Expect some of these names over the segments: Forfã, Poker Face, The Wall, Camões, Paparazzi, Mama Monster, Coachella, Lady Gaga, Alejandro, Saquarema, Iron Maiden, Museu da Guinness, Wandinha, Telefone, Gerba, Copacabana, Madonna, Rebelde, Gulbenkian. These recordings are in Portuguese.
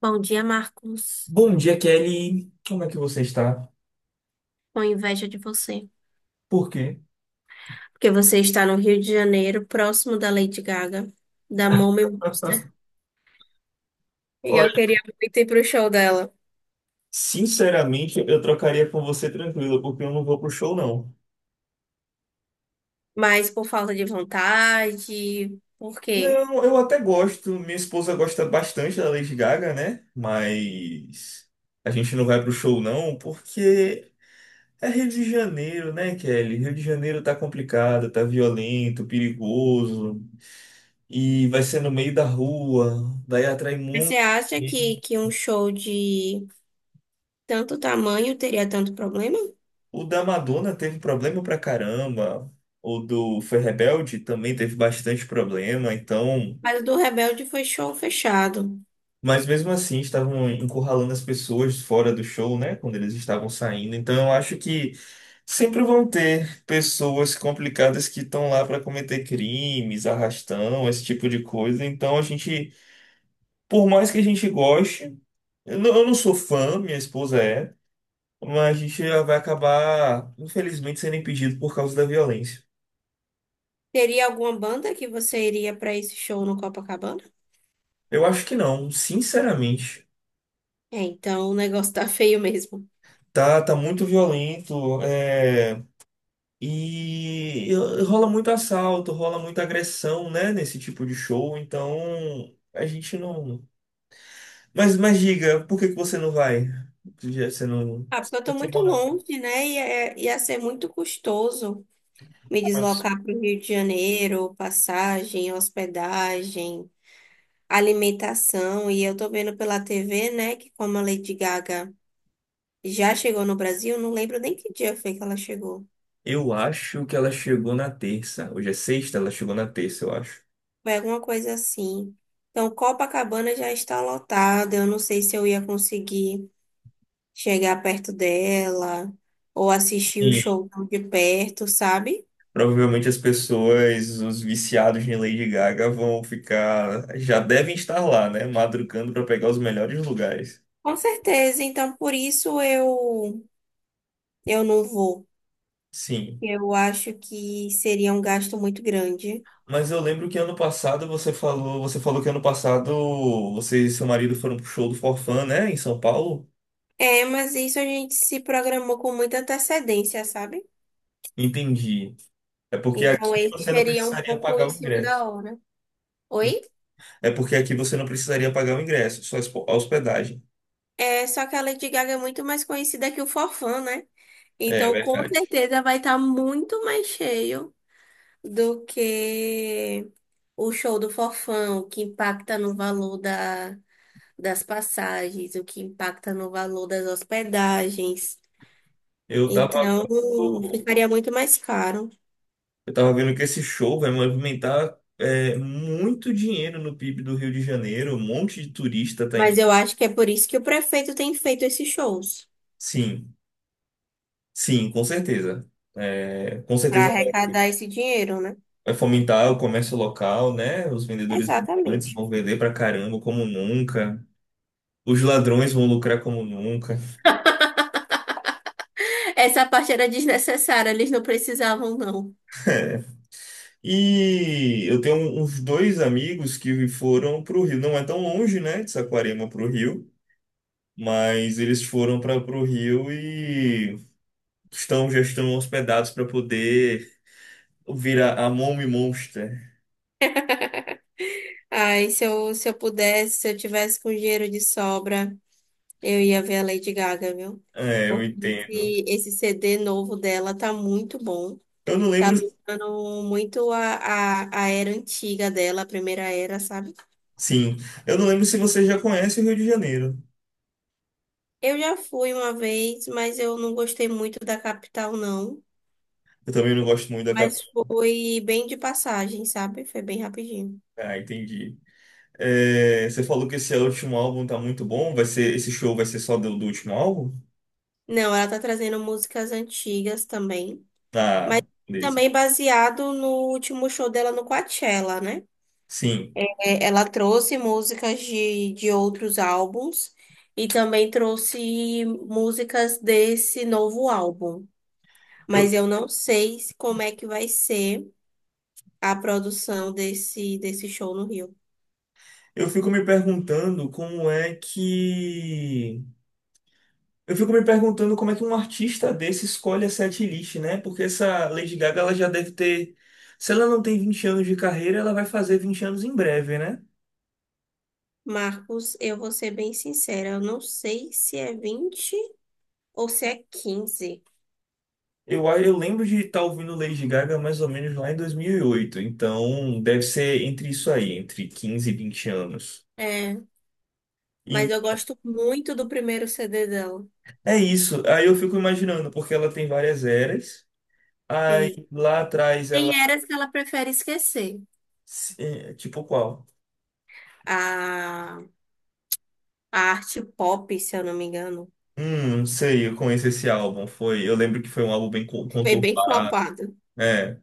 Bom dia, Marcos. Bom dia, Kelly. Como é que você está? Com inveja de você. Por quê? Porque você está no Rio de Janeiro, próximo da Lady Gaga, da Mama Monster. E eu Olha, queria muito ir pro show dela. sinceramente, eu trocaria com você tranquilo, porque eu não vou pro show, não. Mas por falta de vontade, por quê? Não, eu até gosto. Minha esposa gosta bastante da Lady Gaga, né? Mas a gente não vai pro show, não, porque é Rio de Janeiro, né, Kelly? Rio de Janeiro tá complicado, tá violento, perigoso, e vai ser no meio da rua, daí atrai Mas você muito. acha que um show de tanto tamanho teria tanto problema? O da Madonna teve problema pra caramba. O do Foi Rebelde também teve bastante problema. Então, Mas o do Rebelde foi show fechado. mas mesmo assim estavam encurralando as pessoas fora do show, né? Quando eles estavam saindo. Então, eu acho que sempre vão ter pessoas complicadas que estão lá para cometer crimes, arrastão, esse tipo de coisa. Então, a gente, por mais que a gente goste, eu não sou fã, minha esposa é, mas a gente vai acabar, infelizmente, sendo impedido por causa da violência. Teria alguma banda que você iria para esse show no Copacabana? Eu acho que não, sinceramente. É, então o negócio tá feio mesmo. Tá, tá muito violento, é, e rola muito assalto, rola muita agressão, né, nesse tipo de show, então a gente não. Mas diga, por que que você não vai? Você não. Ah, porque eu tô Você muito mora no- longe, né? E ia ser muito custoso me mas- deslocar para o Rio de Janeiro, passagem, hospedagem, alimentação. E eu tô vendo pela TV, né, que como a Lady Gaga já chegou no Brasil, não lembro nem que dia foi que ela chegou. Eu acho que ela chegou na terça. Hoje é sexta, ela chegou na terça, eu acho. Foi alguma coisa assim. Então, Copacabana já está lotada. Eu não sei se eu ia conseguir chegar perto dela ou assistir o Sim. show de perto, sabe? Provavelmente as pessoas, os viciados em Lady Gaga, vão ficar. Já devem estar lá, né? Madrugando para pegar os melhores lugares. Com certeza. Então, por isso eu não vou. Sim. Eu acho que seria um gasto muito grande. Mas eu lembro que ano passado você falou. Você falou que ano passado você e seu marido foram pro show do Forfã, né? Em São Paulo? É, mas isso a gente se programou com muita antecedência, sabe? Entendi. É porque aqui Então, esse você não seria um precisaria pouco pagar em o cima da ingresso. hora. Oi? É porque aqui você não precisaria pagar o ingresso, só a a hospedagem. É, só que a Lady Gaga é muito mais conhecida que o Forfã, né? É Então, com verdade. certeza vai estar muito mais cheio do que o show do Forfã, o que impacta no valor das passagens, o que impacta no valor das hospedagens. Eu tava. Então, ficaria muito mais caro. Eu tava vendo que esse show vai movimentar é, muito dinheiro no PIB do Rio de Janeiro. Um monte de turista tá Mas indo. eu acho que é por isso que o prefeito tem feito esses shows, Sim, sim, com certeza. É, com para certeza vai arrecadar esse dinheiro, né? vai fomentar o comércio local, né? Os vendedores ambulantes Exatamente. vão vender pra caramba como nunca. Os ladrões vão lucrar como nunca. Essa parte era desnecessária, eles não precisavam, não. E eu tenho um, uns dois amigos que foram pro Rio. Não é tão longe, né? De Saquarema pro Rio. Mas eles foram para pro Rio e já estão hospedados para poder virar a Mommy Monster. Ai, se eu pudesse, se eu tivesse com dinheiro de sobra, eu ia ver a Lady Gaga, viu? É, eu Porque entendo. Esse CD novo dela tá muito bom. Eu não Tá lembro, lembrando muito a era antiga dela, a primeira era, sabe? sim, eu não lembro se você já conhece o Rio de Janeiro. Eu já fui uma vez, mas eu não gostei muito da capital, não. Eu também não gosto muito da Mas capital. foi bem de passagem, sabe? Foi bem rapidinho. Ah, entendi. É, você falou que esse último álbum tá muito bom. Esse show vai ser só do, último álbum? Não, ela tá trazendo músicas antigas também. Mas Ah, beleza. também baseado no último show dela no Coachella, né? Sim. É, ela trouxe músicas de outros álbuns e também trouxe músicas desse novo álbum. Eu, Mas eu não sei como é que vai ser a produção desse show no Rio. eu fico me perguntando como é que Eu fico me perguntando como é que um artista desse escolhe a setlist, né? Porque essa Lady Gaga, ela já deve ter. Se ela não tem 20 anos de carreira, ela vai fazer 20 anos em breve, né? Marcos, eu vou ser bem sincera, eu não sei se é 20 ou se é 15. Eu lembro de estar ouvindo Lady Gaga mais ou menos lá em 2008. Então, deve ser entre isso aí, entre 15 e 20 anos. É, mas E eu gosto muito do primeiro CD dela. é isso. Aí eu fico imaginando, porque ela tem várias eras. Aí E lá atrás ela. tem eras que ela prefere esquecer. É, tipo qual? A, a arte pop, se eu não me engano, Não sei, eu conheço esse álbum. Foi, eu lembro que foi um álbum bem con- foi bem conturbado. flopada. É.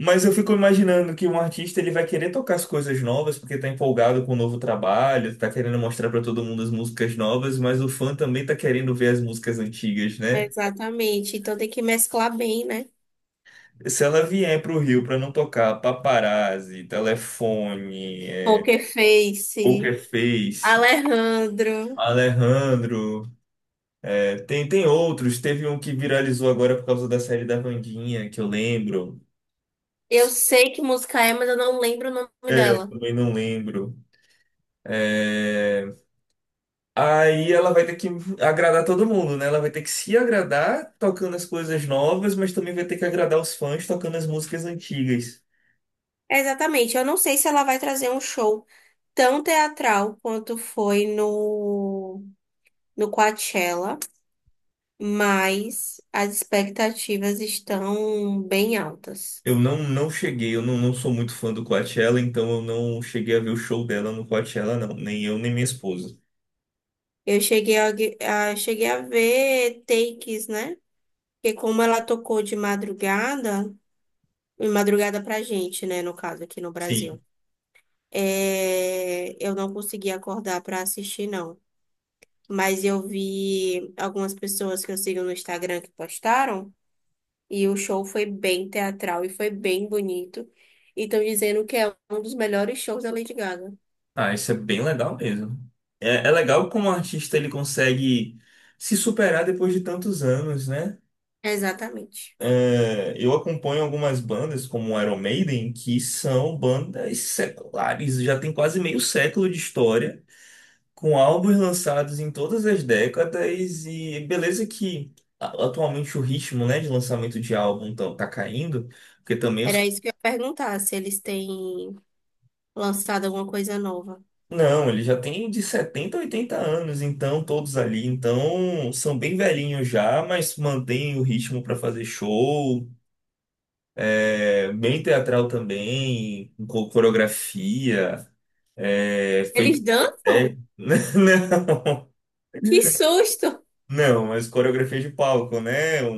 Mas eu fico imaginando que um artista ele vai querer tocar as coisas novas porque tá empolgado com o novo trabalho, tá querendo mostrar para todo mundo as músicas novas, mas o fã também tá querendo ver as músicas antigas, né? Exatamente. Então tem que mesclar bem, né? Se ela vier pro Rio para não tocar Paparazzi, Telefone, é, Poker Face, Poker Face, Alejandro. Alejandro, é, tem outros, teve um que viralizou agora por causa da série da Wandinha, que eu lembro. Eu sei que música é, mas eu não lembro o nome É, eu dela. também não lembro. É, aí ela vai ter que agradar todo mundo, né? Ela vai ter que se agradar tocando as coisas novas, mas também vai ter que agradar os fãs tocando as músicas antigas. Exatamente. Eu não sei se ela vai trazer um show tão teatral quanto foi no Coachella, mas as expectativas estão bem altas. Eu não cheguei, eu não sou muito fã do Coachella, então eu não cheguei a ver o show dela no Coachella, não. Nem eu, nem minha esposa. Eu cheguei a ver takes, né? Porque como ela tocou de madrugada pra gente, né? No caso, aqui no Sim. Brasil. Eu não consegui acordar para assistir, não. Mas eu vi algumas pessoas que eu sigo no Instagram que postaram. E o show foi bem teatral e foi bem bonito. E estão dizendo que é um dos melhores shows da Lady Gaga. Ah, isso é bem legal mesmo. É, é legal como o artista ele consegue se superar depois de tantos anos, né? Exatamente. É, eu acompanho algumas bandas como Iron Maiden, que são bandas seculares, já tem quase meio século de história, com álbuns lançados em todas as décadas, e beleza que atualmente o ritmo, né, de lançamento de álbum tá caindo, porque também os. Era isso que eu ia perguntar, se eles têm lançado alguma coisa nova. Não, eles já têm de 70 a 80 anos, então todos ali, então são bem velhinhos já, mas mantêm o ritmo para fazer show, é, bem teatral também, com coreografia, é, feito Eles de papel. dançam? Que susto! Não, não, mas coreografia de palco, né? Um,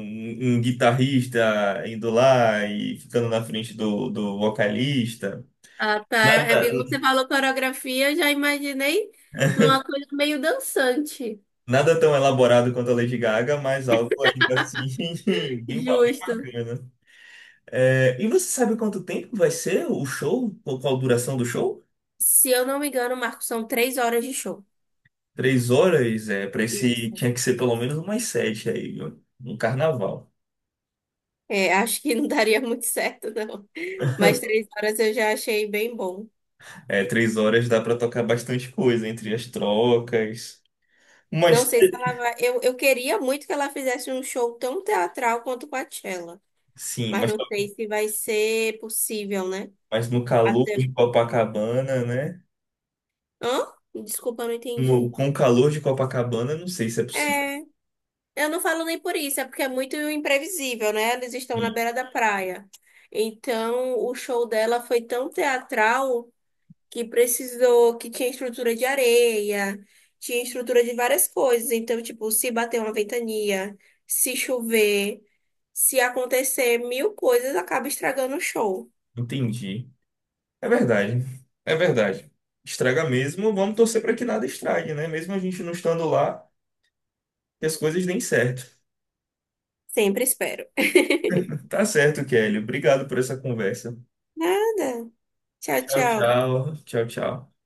um guitarrista indo lá e ficando na frente do, vocalista. Ah, tá. É Nada, porque quando você falou coreografia, eu já imaginei numa coisa meio dançante. nada tão elaborado quanto a Lady Gaga, mas algo ainda assim bem, bem Justo. bacana. É, e você sabe quanto tempo vai ser o show? Qual a duração do show? Se eu não me engano, Marco, são três horas de show. 3 horas, é para esse Isso. tinha que ser pelo menos umas sete aí, ó, no carnaval. É, acho que não daria muito certo, não. Mas três horas eu já achei bem bom. É, 3 horas dá para tocar bastante coisa entre as trocas. Não Mas sei se ela vai. Eu queria muito que ela fizesse um show tão teatral quanto Coachella, sim, mas mas, não sei se vai ser possível, né? mas no calor Até. de Copacabana, né? Hã? Desculpa, eu não No, entendi. com o calor de Copacabana, não sei se é possível. É, eu não falo nem por isso, é porque é muito imprevisível, né? Eles estão na Sim, beira da praia. Então, o show dela foi tão teatral. Que precisou, que tinha estrutura de areia, tinha estrutura de várias coisas. Então, tipo, se bater uma ventania, se chover, se acontecer mil coisas, acaba estragando o show. entendi. É verdade. É verdade. Estraga mesmo, vamos torcer para que nada estrague, né? Mesmo a gente não estando lá, que as coisas deem certo. Sempre espero. Tá certo, Kelly. Obrigado por essa conversa. Nada. Tchau, Tchau, tchau. tchau. Tchau, tchau.